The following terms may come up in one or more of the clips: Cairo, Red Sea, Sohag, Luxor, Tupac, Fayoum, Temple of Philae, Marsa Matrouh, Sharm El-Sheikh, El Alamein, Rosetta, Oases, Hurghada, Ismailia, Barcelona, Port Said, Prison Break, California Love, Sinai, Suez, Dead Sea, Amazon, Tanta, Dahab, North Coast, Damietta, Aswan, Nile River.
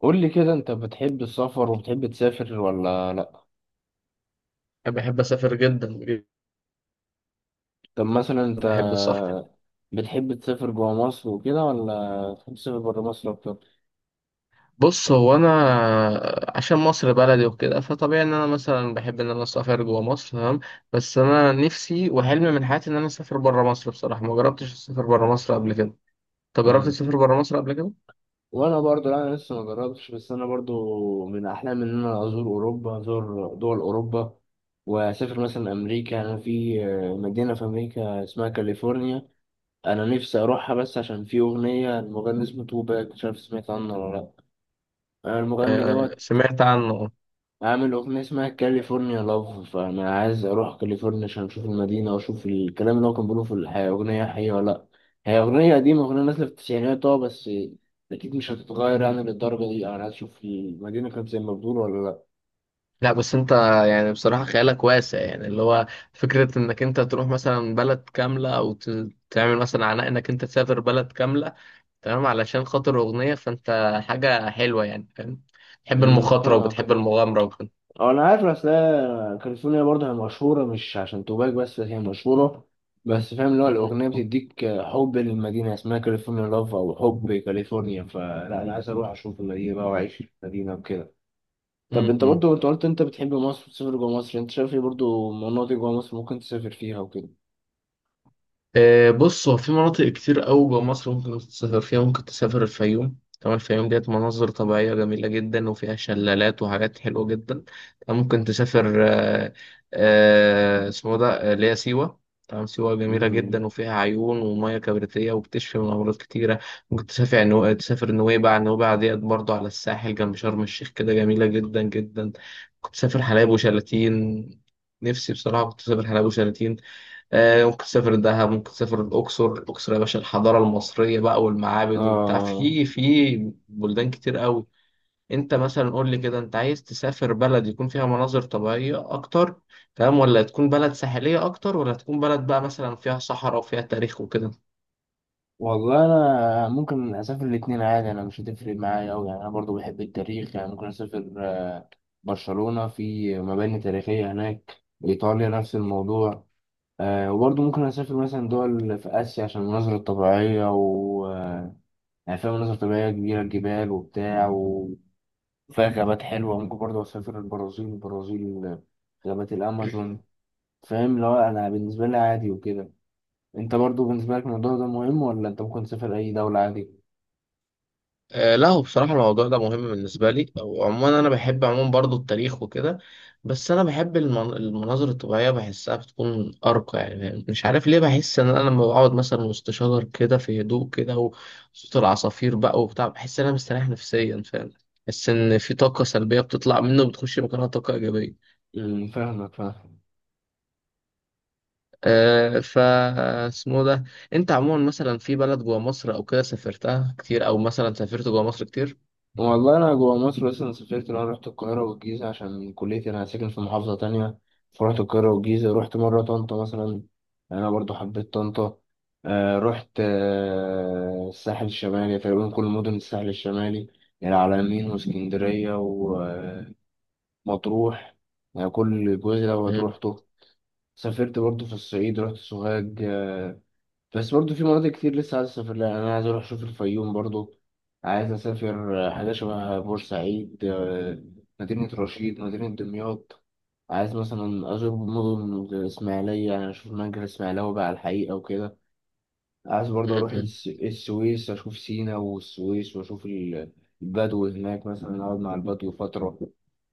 قول لي كده، انت بتحب السفر وبتحب تسافر ولا لا؟ بحب اسافر جدا جدا. طب مثلا انت بحب السفر. بتحب تسافر جوا مصر وكده ولا تحب تسافر بره مصر اكتر؟ بص، هو انا عشان مصر بلدي وكده فطبيعي ان انا مثلا بحب ان انا اسافر جوه مصر. تمام. بس انا نفسي وحلمي من حياتي ان انا اسافر بره مصر. بصراحه ما جربتش اسافر بره مصر قبل كده. انت جربت امم تسافر بره مصر قبل كده؟ وانا برضو لا، انا لسه ما جربتش، بس انا برضو من احلامي ان انا ازور اوروبا، ازور دول اوروبا واسافر مثلا امريكا. انا في مدينه في امريكا اسمها كاليفورنيا، انا نفسي اروحها بس عشان في اغنيه، المغني اسمه توباك، مش عارف سمعت عنه ولا لا. المغني آه، دوت سمعت عنه. عامل أغنية اسمها كاليفورنيا لاف، فأنا عايز أروح كاليفورنيا عشان أشوف المدينة وأشوف الكلام اللي هو كان بيقوله في الحياة، أغنية حقيقية ولا لأ. هي أغنية قديمة، أغنية نازلة في التسعينات، بس أكيد مش هتتغير يعني للدرجة دي، أنا عايز أشوف المدينة كانت زي ما بتقول ولا لأ. لا، بس انت يعني بصراحه خيالك واسع، يعني اللي هو فكره انك انت تروح مثلا بلد كامله او تعمل مثلا عناء انك انت تسافر بلد كامله تمام علشان خاطر أغنية، فأنت حاجة حلوة يعني، فاهم؟ بتحب المخاطرة فاهمك. وبتحب المغامرة وكده. أنا عارف، أصل هي كاليفورنيا برضه هي مشهورة مش عشان توباك بس، هي مشهورة بس فاهم اللي هو م- الأغنية بتديك حب للمدينة، اسمها كاليفورنيا لاف أو حب كاليفورنيا، فلا أنا عايز أروح أشوف المدينة بقى وأعيش في المدينة وكده. طب م- انت م. برضو، انت قلت انت بتحب مصر وتسافر جوه مصر، انت شايف ايه برضو مناطق جوه مصر ممكن تسافر فيها وكده؟ آه، بص، هو في مناطق كتير قوي جوه مصر ممكن تسافر فيها. ممكن تسافر الفيوم. تمام، الفيوم ديت مناظر طبيعية جميلة جدا وفيها شلالات وحاجات حلوة جدا. تمام، ممكن تسافر آه، اسمه ده آه، اللي هي سيوة. تمام، سيوة جميلة امم جدا وفيها عيون ومياه كبريتية وبتشفي من أمراض كتيرة. ممكن تسافر نويبع. نويبع ديت برضو على الساحل جنب شرم الشيخ كده، جميلة جدا جدا. ممكن تسافر حلايب وشلاتين. نفسي بصراحة كنت أسافر حلايب وشلاتين. آه، ممكن تسافر دهب، ممكن تسافر الأقصر. الأقصر يا باشا الحضارة المصرية بقى والمعابد وبتاع، آه في بلدان كتير قوي. أنت مثلا قول لي كده، أنت عايز تسافر بلد يكون فيها مناظر طبيعية أكتر، تمام، ولا تكون بلد ساحلية أكتر، ولا تكون بلد بقى مثلا فيها صحراء وفيها تاريخ وكده؟ والله انا ممكن اسافر الاتنين عادي، انا مش هتفرق معايا اوي. يعني انا برضو بحب التاريخ، يعني ممكن اسافر برشلونة، في مباني تاريخية هناك. ايطاليا نفس الموضوع. وبرضو ممكن اسافر مثلا دول في اسيا عشان المناظر الطبيعية و آه، يعني فيها مناظر طبيعية كبيرة، جبال وبتاع، فيها غابات حلوة. ممكن برضه أسافر البرازيل، غابات الأمازون. فاهم، لو أنا بالنسبة لي عادي وكده. أنت برضه بالنسبة لك الموضوع ده مهم، ولا أنت ممكن تسافر أي دولة عادي؟ آه، لا، هو بصراحة الموضوع ده مهم بالنسبة لي. وعموما أنا بحب عموما برضو التاريخ وكده، بس أنا بحب المناظر الطبيعية. بحسها بتكون أرقى، يعني مش عارف ليه، بحس إن أنا لما بقعد مثلا وسط شجر كده في هدوء كده وصوت العصافير بقى وبتاع، بحس إن أنا مستريح نفسيا، فاهم؟ بحس إن في طاقة سلبية بتطلع منه وبتخش مكانها طاقة إيجابية. فاهمك، فاهم. أه ف اسمه ده أنت عموما مثلا في بلد جوا مصر أو كده سافرتها كتير، أو مثلا سافرت جوا مصر كتير؟ والله أنا جوا مصر بس. أنا سافرت، أنا رحت القاهرة والجيزة عشان كليتي، أنا ساكن في محافظة تانية، فرحت القاهرة والجيزة. رحت مرة طنطا مثلا، أنا برضه حبيت طنطا. رحت الساحل الشمالي تقريبا كل مدن الساحل الشمالي، العلمين واسكندرية، مطروح. يعني كل جزء لو مم. هتروح سافرت برضو في الصعيد، رحت سوهاج. بس برضو في مناطق كتير لسه عايز اسافر لها. يعني انا عايز اروح اشوف الفيوم برضو، عايز اسافر حاجه شبه بورسعيد، مدينه رشيد، مدينه دمياط. عايز مثلا ازور مدن زي الاسماعيليه، يعني اشوف المنجر الاسماعيلوي بقى على الحقيقه وكده. عايز برضو اروح السويس، اشوف سينا والسويس، واشوف البدو هناك، مثلا اقعد مع البدو فتره.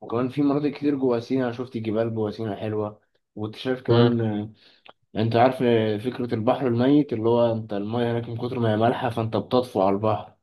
وكمان في مناطق كتير جوا سينا، أنا شفت جبال جوا سينا حلوة واكتشاف مم. كمان. انت عارف فكرة البحر الميت اللي هو انت المية هناك من كتر ما هي مالحة فانت بتطفو على البحر؟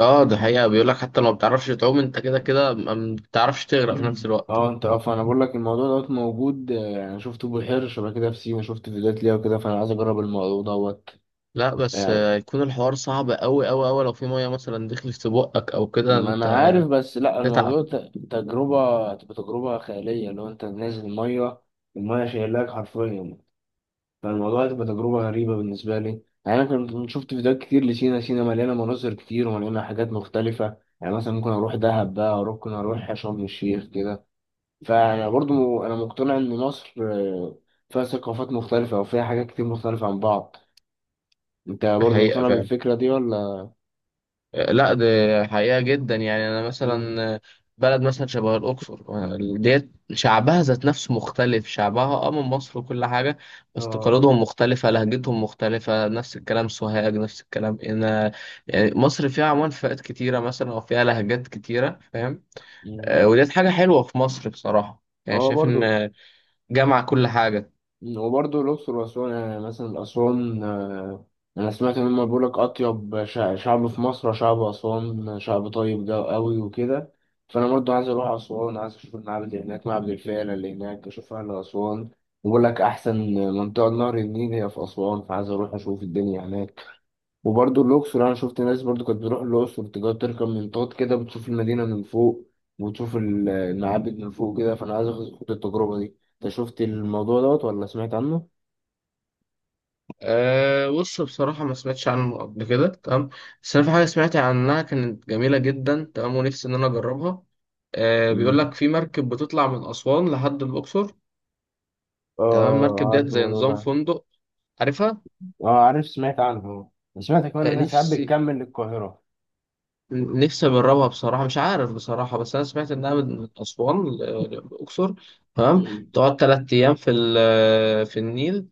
اه، ده حقيقة. بيقول لك حتى لو ما بتعرفش تعوم، انت كده كده ما بتعرفش تغرق في نفس مم. الوقت. اه انت فانا بقول لك الموضوع دوت موجود. انا شفته، بحيرة شبه كده في سينا، شفت فيديوهات ليها وكده، فانا عايز اجرب الموضوع دوت. لا، بس يعني آه، يكون الحوار صعب قوي قوي قوي لو في مية مثلا دخلت في بقك او كده. ما انا انت عارف، بس لا تتعب. الموضوع تجربة، تبقى تجربة خيالية اللي هو انت نازل المية، المية شايلاك حرفيا، فالموضوع هتبقى تجربة غريبة بالنسبة لي. يعني أنا كنت شفت فيديوهات كتير لسينا. سينا مليانة مناظر كتير ومليانة حاجات مختلفة. يعني مثلا ممكن أروح دهب بقى، ممكن أروح شرم الشيخ كده. فأنا برضو أنا مقتنع إن مصر فيها ثقافات مختلفة وفيها حاجات كتير مختلفة عن بعض. أنت برضو حقيقة مقتنع فعلا. بالفكرة دي ولا؟ آه، لا، ده حقيقة جدا. يعني انا مم. مثلا آه، بلد مثلا شبه الاقصر آه، ديت شعبها ذات نفسه مختلف. شعبها اه من مصر وكل حاجة، بس آه. تقاليدهم مختلفة، لهجتهم مختلفة. نفس الكلام سوهاج، نفس الكلام هنا. يعني مصر فيها عمان فئات كتيرة مثلا، او فيها لهجات كتيرة، فاهم؟ مم. آه، وديت حاجة حلوة في مصر بصراحة، يعني آه شايف برضو. إن جمع كل حاجة. وبرضه الأقصر وأسوان، يعني مثلا أسوان، أنا سمعت إن هما بيقولك أطيب شعب في مصر شعب أسوان، شعب طيب ده أوي وكده. فأنا برضه عايز أروح أسوان، عايز أشوف المعبد اللي هناك، معبد الفيلة اللي هناك، أشوف أهل أسوان. بيقولك أحسن منطقة نهر النيل هي في أسوان، فعايز أروح أشوف الدنيا هناك. وبرضه الأقصر، أنا شفت ناس برضه كانت بتروح الأقصر تقعد تركب منطاد كده، بتشوف المدينة من فوق وتشوف المعابد من فوق كده، فأنا عايز آخد التجربة دي. أنت شفت الموضوع دوت ولا سمعت عنه؟ أه، بص، بصراحة ما سمعتش عنه قبل كده. تمام، بس أنا في حاجة سمعت عنها كانت جميلة جدا، تمام، ونفسي إن أنا أجربها. أه، بيقول مم. لك في مركب بتطلع من أسوان لحد الأقصر. تمام، آه، المركب ديت عارف زي الموضوع نظام ده. فندق، عارفها. آه، عارف، سمعت عنه. سمعت كمان أه، إنها ساعات نفسي بتكمل للقاهرة. نفسي أجربها بصراحة. مش عارف بصراحة، بس أنا سمعت إنها من أسوان للأقصر. تمام، مم. تقعد تلات أيام في في النيل.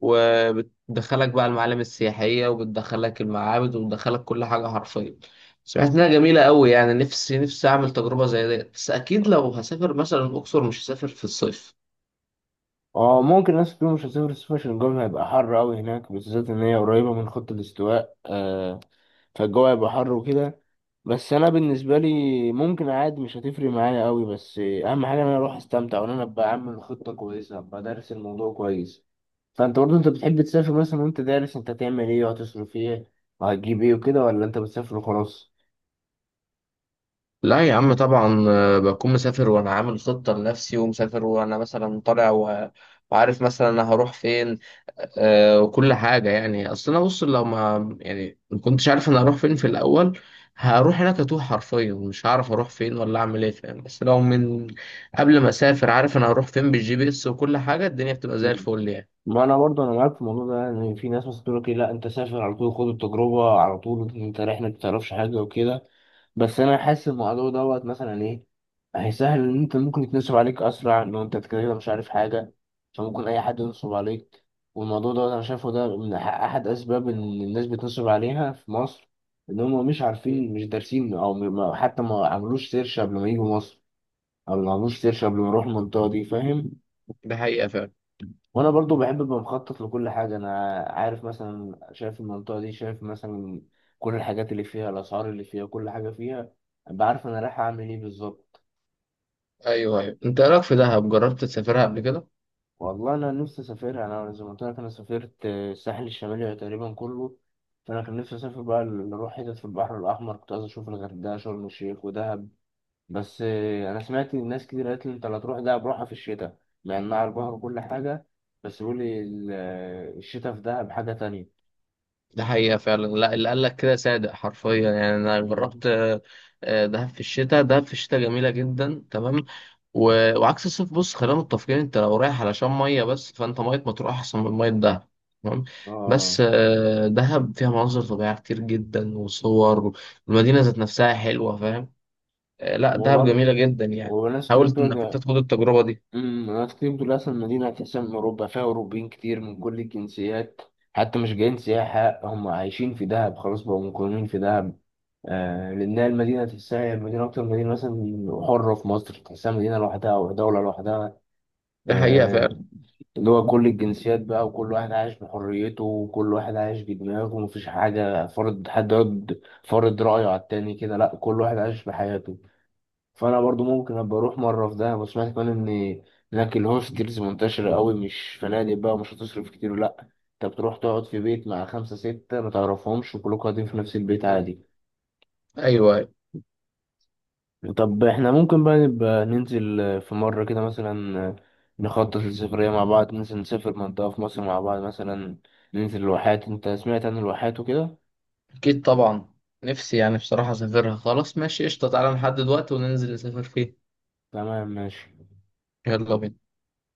وبتدخلك بقى المعالم السياحية، وبتدخلك المعابد، وبتدخلك كل حاجة حرفيا. سمعت إنها جميلة أوي. يعني نفسي نفسي أعمل تجربة زي ديت، بس أكيد لو هسافر مثلا الأقصر مش هسافر في الصيف. آه، ممكن ناس كتير مش هتسافر الصيف عشان الجو هيبقى حر أوي هناك، بالذات إن هي قريبة من خط الاستواء، فالجو هيبقى حر وكده. بس انا بالنسبه لي ممكن عادي، مش هتفرق معايا قوي، بس اهم حاجه ان انا اروح استمتع، وان انا ابقى عامل خطه كويسه، ابقى دارس الموضوع كويس. فانت برضه، انت بتحب تسافر مثلا وانت دارس انت هتعمل ايه وهتصرف ايه وهتجيب ايه وكده، ولا انت بتسافر وخلاص؟ لا يا عم، طبعا آه، بكون مسافر وانا عامل خطة لنفسي، ومسافر وانا مثلا طالع وعارف مثلا انا هروح فين. آه، وكل حاجة. يعني اصل انا بص، لو ما كنتش عارف انا هروح فين في الاول، هروح هناك اتوه حرفيا، مش هعرف اروح فين ولا اعمل ايه، فاهم؟ بس لو من قبل ما اسافر عارف انا هروح فين بالجي بي اس وكل حاجة، الدنيا بتبقى مم. زي الفل يعني. ما انا برضه انا معاك في الموضوع ده، ان في ناس مثلا تقول لك إيه، لا انت سافر على طول، خد التجربه على طول، انت رايح ما تعرفش حاجه وكده. بس انا حاسس الموضوع دوت مثلا ايه، هيسهل ان انت ممكن يتنصب عليك اسرع لو انت كده كده مش عارف حاجه، فممكن اي حد ينصب عليك. والموضوع دوت انا شايفه ده من احد اسباب ان الناس بتنصب عليها في مصر، ان هم مش عارفين، مش دارسين، او م- ما- حتى ما عملوش سيرش قبل ما يجوا مصر، او ما عملوش سيرش قبل ما يروحوا المنطقه دي، فاهم. ده حقيقة فعلا. وانا برضو بحب ابقى مخطط لكل حاجه، انا عارف مثلا، شايف المنطقه دي، شايف مثلا كل الحاجات اللي فيها، الاسعار اللي فيها، كل حاجه فيها، بعرف انا رايح اعمل ايه بالظبط. ايوه ايوه، انت إيه رايك في دهب؟ جربت تسافرها قبل كده؟ والله انا نفسي اسافر، انا زي ما قلت لك انا سافرت الساحل الشمالي تقريبا كله، فانا كان نفسي اسافر بقى اروح حتت في البحر الاحمر، كنت عايز اشوف الغردقه، شرم الشيخ، ودهب، بس انا سمعت ناس كتير قالت لي انت لا تروح دهب، روحها في الشتاء، مع انها على البحر وكل حاجه، بس بيقول لي الشتاء في دهب حاجه ده حقيقة فعلا. لا، اللي قال لك كده صادق حرفيا. يعني أنا تانية. جربت آه، آه، دهب في الشتاء. دهب في الشتاء جميلة جدا. تمام، و... وعكس الصيف. بص، خلينا متفقين، أنت لو رايح علشان مية بس، فأنت مية مطروح أحسن من مية دهب. تمام، اه، بس آه، دهب فيها مناظر طبيعية كتير جدا وصور، والمدينة ذات نفسها حلوة، فاهم؟ آه، لا، هو دهب برضه، جميلة جدا يعني. هو ناس كتير حاولت إنك بترجع. أنت تاخد التجربة دي؟ ناس كتير بتقول اصلا المدينه اساسا من اوروبا، فيها اوروبيين كتير من كل الجنسيات، حتى مش جايين سياحه، هم عايشين في دهب خلاص، بقوا مقيمين في دهب. آه، لانها المدينه تحسها مدينه، اكتر مدينه مثلا حره في مصر، تحسها مدينه لوحدها او دوله لوحدها. ده حقيقة آه، فعلا. اللي هو كل الجنسيات بقى، وكل واحد عايش بحريته، وكل واحد عايش بدماغه، ومفيش حاجه فرض، حد يقعد فرض رايه على التاني كده، لا، كل واحد عايش بحياته. فانا برضو ممكن ابقى اروح مره في دهب. وسمعت كمان ان هناك الهوستلز منتشره قوي، مش فنادق بقى، ومش هتصرف كتير، لا، انت بتروح تقعد في بيت مع خمسه سته ما تعرفهمش، وكلكم قاعدين في نفس البيت مم. عادي. أيوه. أيوه. طب احنا ممكن بقى نبقى ننزل في مره كده مثلا، نخطط للسفريه مع بعض، ننزل نسافر منطقه في مصر مع بعض، مثلا ننزل الواحات. انت سمعت عن الواحات وكده؟ أكيد طبعا. نفسي يعني بصراحة أسافرها. خلاص، ماشي، قشطة، تعالى نحدد وقت وننزل نسافر فيه. تمام، ماشي. يلا بينا.